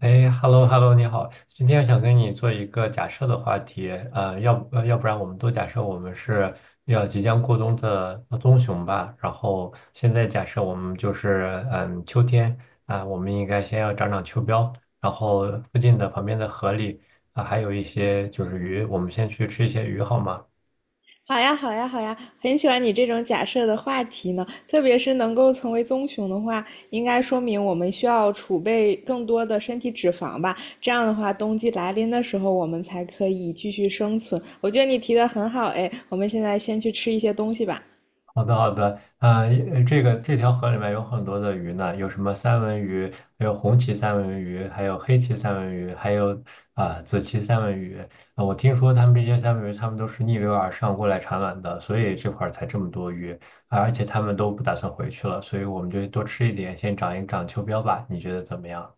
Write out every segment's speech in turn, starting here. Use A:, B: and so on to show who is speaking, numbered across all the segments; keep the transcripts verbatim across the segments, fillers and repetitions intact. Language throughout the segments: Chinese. A: 哎，hello hello，你好，今天想跟你做一个假设的话题，呃，要不呃要不然我们都假设我们是要即将过冬的呃棕熊吧，然后现在假设我们就是嗯秋天啊，我们应该先要长长秋膘，然后附近的旁边的河里啊还有一些就是鱼，我们先去吃一些鱼好吗？
B: 好呀，好呀，好呀，很喜欢你这种假设的话题呢，特别是能够成为棕熊的话，应该说明我们需要储备更多的身体脂肪吧，这样的话，冬季来临的时候，我们才可以继续生存。我觉得你提的很好，哎，我们现在先去吃一些东西吧。
A: 好的，好的，呃，呃这个这条河里面有很多的鱼呢，有什么三文鱼，还有红鳍三文鱼，还有黑鳍三文鱼，还有啊、紫鳍三文鱼。呃我听说他们这些三文鱼，他们都是逆流而上过来产卵的，所以这块儿才这么多鱼，啊而且他们都不打算回去了，所以我们就多吃一点，先长一长秋膘吧。你觉得怎么样？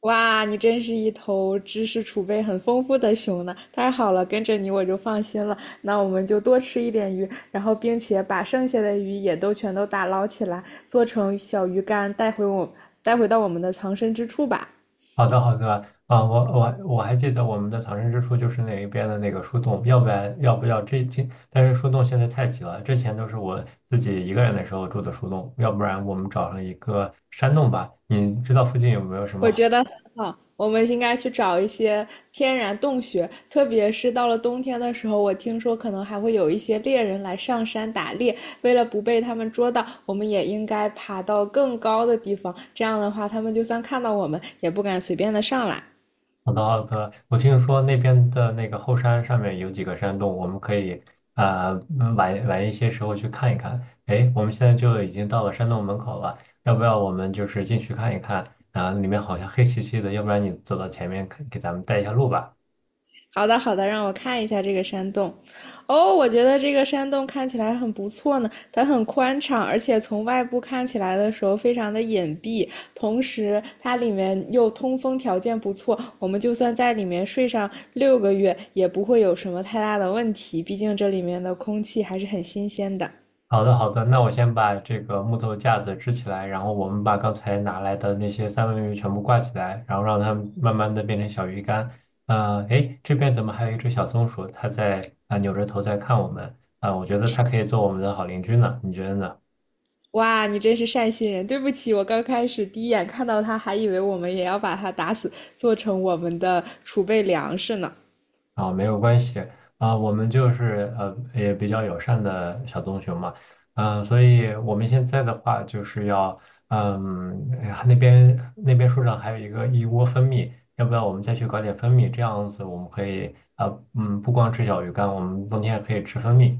B: 哇，你真是一头知识储备很丰富的熊呢！太好了，跟着你我就放心了。那我们就多吃一点鱼，然后并且把剩下的鱼也都全都打捞起来，做成小鱼干，带回我，带回到我们的藏身之处吧。
A: 好的，好的，啊，我我我还记得我们的藏身之处就是那一边的那个树洞，要不然要不要这这，但是树洞现在太挤了，之前都是我自己一个人的时候住的树洞，要不然我们找上一个山洞吧。你知道附近有没有什么
B: 我
A: 好？
B: 觉得很好，我们应该去找一些天然洞穴，特别是到了冬天的时候，我听说可能还会有一些猎人来上山打猎。为了不被他们捉到，我们也应该爬到更高的地方，这样的话，他们就算看到我们，也不敢随便的上来。
A: 好的，好的。我听说那边的那个后山上面有几个山洞，我们可以呃嗯晚晚一些时候去看一看。哎，我们现在就已经到了山洞门口了，要不要我们就是进去看一看？啊、里面好像黑漆漆的，要不然你走到前面给给咱们带一下路吧。
B: 好的，好的，让我看一下这个山洞。哦，我觉得这个山洞看起来很不错呢，它很宽敞，而且从外部看起来的时候非常的隐蔽，同时它里面又通风条件不错，我们就算在里面睡上六个月也不会有什么太大的问题，毕竟这里面的空气还是很新鲜的。
A: 好的，好的，那我先把这个木头架子支起来，然后我们把刚才拿来的那些三文鱼全部挂起来，然后让它们慢慢的变成小鱼干。呃，诶，这边怎么还有一只小松鼠？它在啊、扭着头在看我们啊、我觉得它可以做我们的好邻居呢，你觉得呢？
B: 哇，你真是善心人！对不起，我刚开始第一眼看到它，还以为我们也要把它打死，做成我们的储备粮食呢。
A: 啊，没有关系啊，我们就是呃也比较友善的小棕熊嘛，嗯、所以我们现在的话就是要，嗯，哎呀那边那边树上还有一个一窝蜂蜜，要不要我们再去搞点蜂蜜？这样子我们可以啊、呃嗯，不光吃小鱼干，我们冬天也可以吃蜂蜜。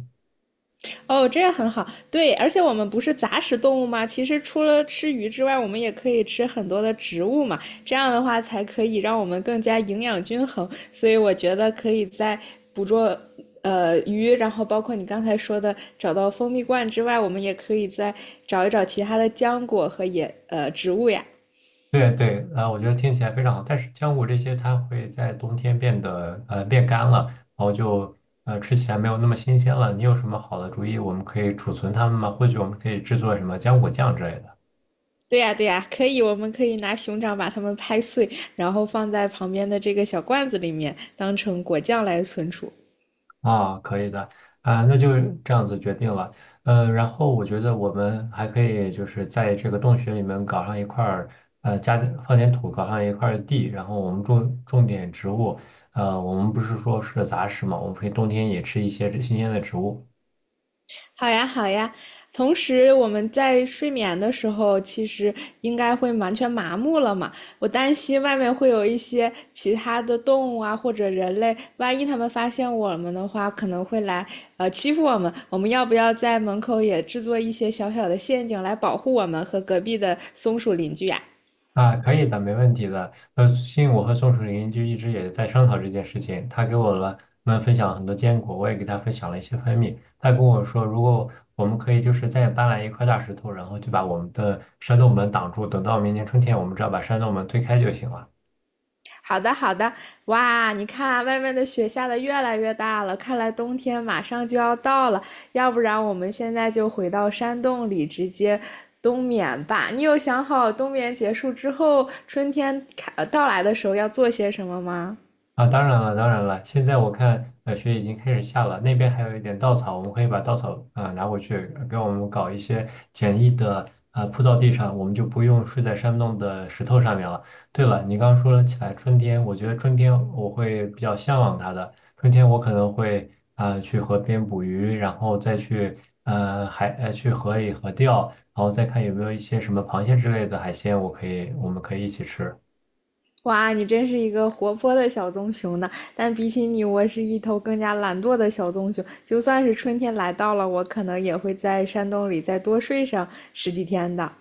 B: 哦，这样很好。对，而且我们不是杂食动物吗？其实除了吃鱼之外，我们也可以吃很多的植物嘛。这样的话才可以让我们更加营养均衡。所以我觉得可以在捕捉呃鱼，然后包括你刚才说的找到蜂蜜罐之外，我们也可以再找一找其他的浆果和野呃植物呀。
A: 对对，啊，我觉得听起来非常好。但是浆果这些它会在冬天变得呃变干了，然后就呃吃起来没有那么新鲜了。你有什么好的主意，我们可以储存它们吗？或许我们可以制作什么浆果酱之类的。
B: 对呀，对呀，可以，我们可以拿熊掌把它们拍碎，然后放在旁边的这个小罐子里面，当成果酱来存储。
A: 啊、可以的啊、那就这样子决定了。呃，然后我觉得我们还可以就是在这个洞穴里面搞上一块儿呃加点放点土，搞上一块儿地，然后我们种种点植物。呃，我们不是说是杂食嘛，我们可以冬天也吃一些这新鲜的植物。
B: 好呀，好呀。同时，我们在睡眠的时候，其实应该会完全麻木了嘛。我担心外面会有一些其他的动物啊，或者人类，万一他们发现我们的话，可能会来呃欺负我们。我们要不要在门口也制作一些小小的陷阱来保护我们和隔壁的松鼠邻居呀、
A: 啊，可以的，没问题的。呃，信我和宋楚林就一直也在商讨这件事情，他给我了们分享了很多坚果，我也给他分享了一些蜂蜜。他跟我说，如果我们可以就是再搬来一块大石头，然后就把我们的山洞门挡住，等到明年春天，我们只要把山洞门推开就行了。
B: 好的，好的。哇，你看外面的雪下的越来越大了，看来冬天马上就要到了。要不然我们现在就回到山洞里直接冬眠吧。你有想好冬眠结束之后，春天开呃到来的时候要做些什么吗？
A: 啊，当然了，当然了。现在我看，呃，雪已经开始下了，那边还有一点稻草，我们可以把稻草，呃，拿回去，呃给我们搞一些简易的，呃，铺到地上，我们就不用睡在山洞的石头上面了。对了，你刚刚说了起来春天，我觉得春天我会比较向往它的。春天我可能会，呃，去河边捕鱼，然后再去，呃，海，呃，去河里河钓，然后再看有没有一些什么螃蟹之类的海鲜，我可以，我们可以一起吃。
B: 哇，你真是一个活泼的小棕熊呢！但比起你，我是一头更加懒惰的小棕熊。就算是春天来到了，我可能也会在山洞里再多睡上十几天的。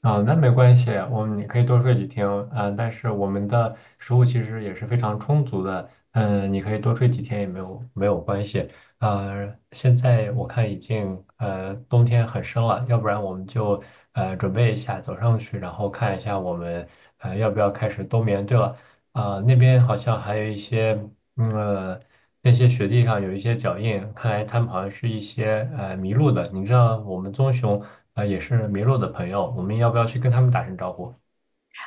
A: 啊，那没关系，我们你可以多睡几天，嗯、但是我们的食物其实也是非常充足的，嗯、你可以多睡几天也没有没有关系，呃，现在我看已经呃冬天很深了，要不然我们就呃准备一下走上去，然后看一下我们呃要不要开始冬眠。对了，啊、那边好像还有一些，嗯，呃那些雪地上有一些脚印，看来他们好像是一些呃迷路的。你知道我们棕熊呃也是迷路的朋友，我们要不要去跟他们打声招呼？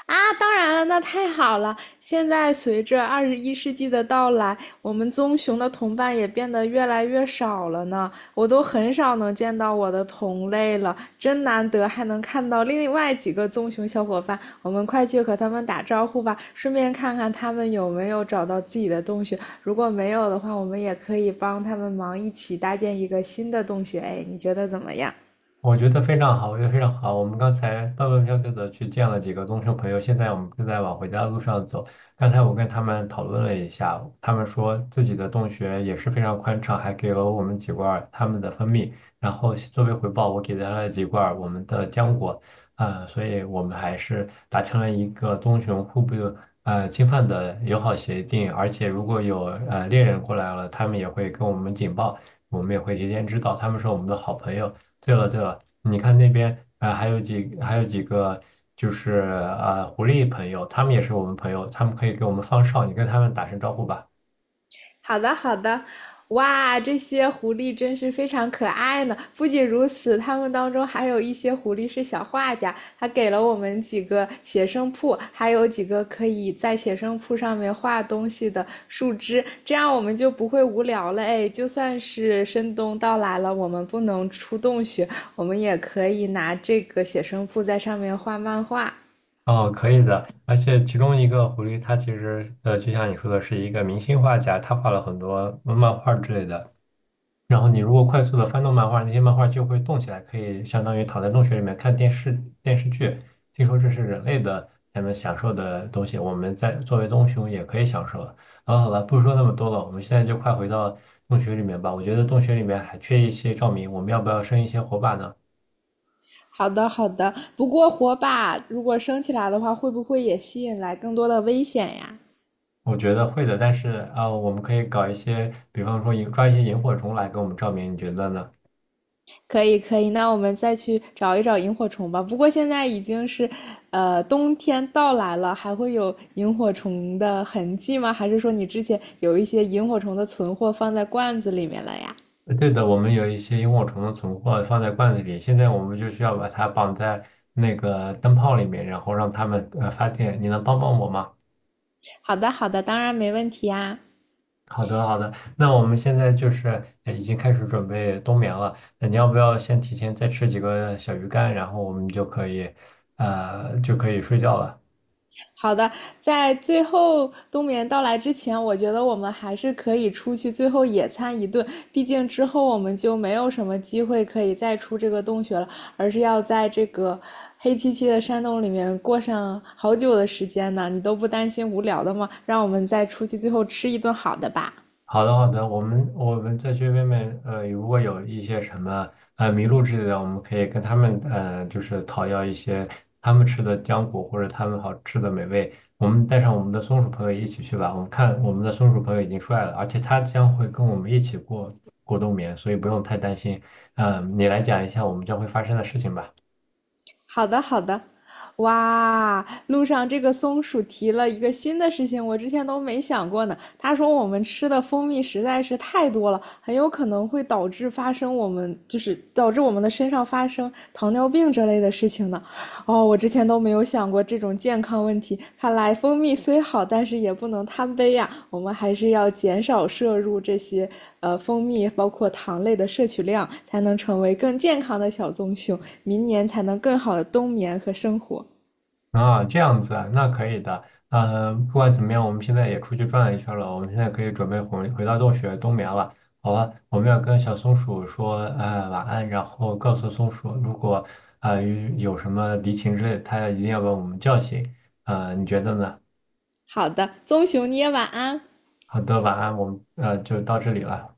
B: 啊，当然了，那太好了。现在随着二十一世纪的到来，我们棕熊的同伴也变得越来越少了呢。我都很少能见到我的同类了，真难得还能看到另外几个棕熊小伙伴。我们快去和他们打招呼吧，顺便看看他们有没有找到自己的洞穴。如果没有的话，我们也可以帮他们忙，一起搭建一个新的洞穴。哎，你觉得怎么样？
A: 我觉得非常好，我觉得非常好。我们刚才蹦蹦跳跳的去见了几个棕熊朋友，现在我们正在往回家的路上走。刚才我跟他们讨论了一下，他们说自己的洞穴也是非常宽敞，还给了我们几罐儿他们的蜂蜜。然后作为回报，我给他了几罐儿我们的浆果。呃，所以我们还是达成了一个棕熊互不呃侵犯的友好协定。而且如果有呃猎人过来了，他们也会跟我们警报。我们也会提前知道，他们是我们的好朋友。对了对了，你看那边呃还有几还有几个就是呃狐狸朋友，他们也是我们朋友，他们可以给我们放哨，你跟他们打声招呼吧。
B: 好的，好的。哇，这些狐狸真是非常可爱呢！不仅如此，它们当中还有一些狐狸是小画家，他给了我们几个写生铺，还有几个可以在写生铺上面画东西的树枝，这样我们就不会无聊了。哎，就算是深冬到来了，我们不能出洞穴，我们也可以拿这个写生铺在上面画漫画。
A: 哦，可以的。而且其中一个狐狸，它其实呃，就像你说的，是一个明星画家，他画了很多漫画之类的。然后你如果快速的翻动漫画，那些漫画就会动起来，可以相当于躺在洞穴里面看电视电视剧。听说这是人类的才能享受的东西，我们在作为棕熊也可以享受了。好了好了，不说那么多了，我们现在就快回到洞穴里面吧。我觉得洞穴里面还缺一些照明，我们要不要生一些火把呢？
B: 好的，好的。不过火把如果升起来的话，会不会也吸引来更多的危险呀？
A: 我觉得会的，但是啊、呃我们可以搞一些，比方说引抓一些萤火虫来给我们照明，你觉得呢？
B: 可以，可以。那我们再去找一找萤火虫吧。不过现在已经是，呃，冬天到来了，还会有萤火虫的痕迹吗？还是说你之前有一些萤火虫的存货放在罐子里面了呀？
A: 呃对的，我们有一些萤火虫的存货放在罐子里，现在我们就需要把它绑在那个灯泡里面，然后让它们呃发电。你能帮帮我吗？
B: 好的，好的，当然没问题呀。
A: 好的，好的。那我们现在就是呃已经开始准备冬眠了。那你要不要先提前再吃几个小鱼干，然后我们就可以呃就可以睡觉了？
B: 好的，在最后冬眠到来之前，我觉得我们还是可以出去最后野餐一顿。毕竟之后我们就没有什么机会可以再出这个洞穴了，而是要在这个黑漆漆的山洞里面过上好久的时间呢。你都不担心无聊的吗？让我们再出去最后吃一顿好的吧。
A: 好的，好的，我们我们再去边面，呃，如果有一些什么呃麋鹿之类的，我们可以跟他们呃，就是讨要一些他们吃的浆果或者他们好吃的美味。我们带上我们的松鼠朋友一起去吧。我们看我们的松鼠朋友已经出来了，而且他将会跟我们一起过过冬眠，所以不用太担心。嗯、你来讲一下我们将会发生的事情吧。
B: 好的，好的。哇，路上这个松鼠提了一个新的事情，我之前都没想过呢。他说我们吃的蜂蜜实在是太多了，很有可能会导致发生我们就是导致我们的身上发生糖尿病这类的事情呢。哦，我之前都没有想过这种健康问题。看来蜂蜜虽好，但是也不能贪杯呀。我们还是要减少摄入这些呃蜂蜜，包括糖类的摄取量，才能成为更健康的小棕熊，明年才能更好的冬眠和生活。
A: 啊，这样子啊，那可以的。呃，不管怎么样，我们现在也出去转了一圈了，我们现在可以准备回回到洞穴冬眠了。好吧，我们要跟小松鼠说，呃，晚安，然后告诉松鼠，如果呃有什么敌情之类的，它一定要把我们叫醒。呃，你觉得呢？
B: 好的，棕熊，你也晚安。
A: 好的，晚安，我们呃就到这里了。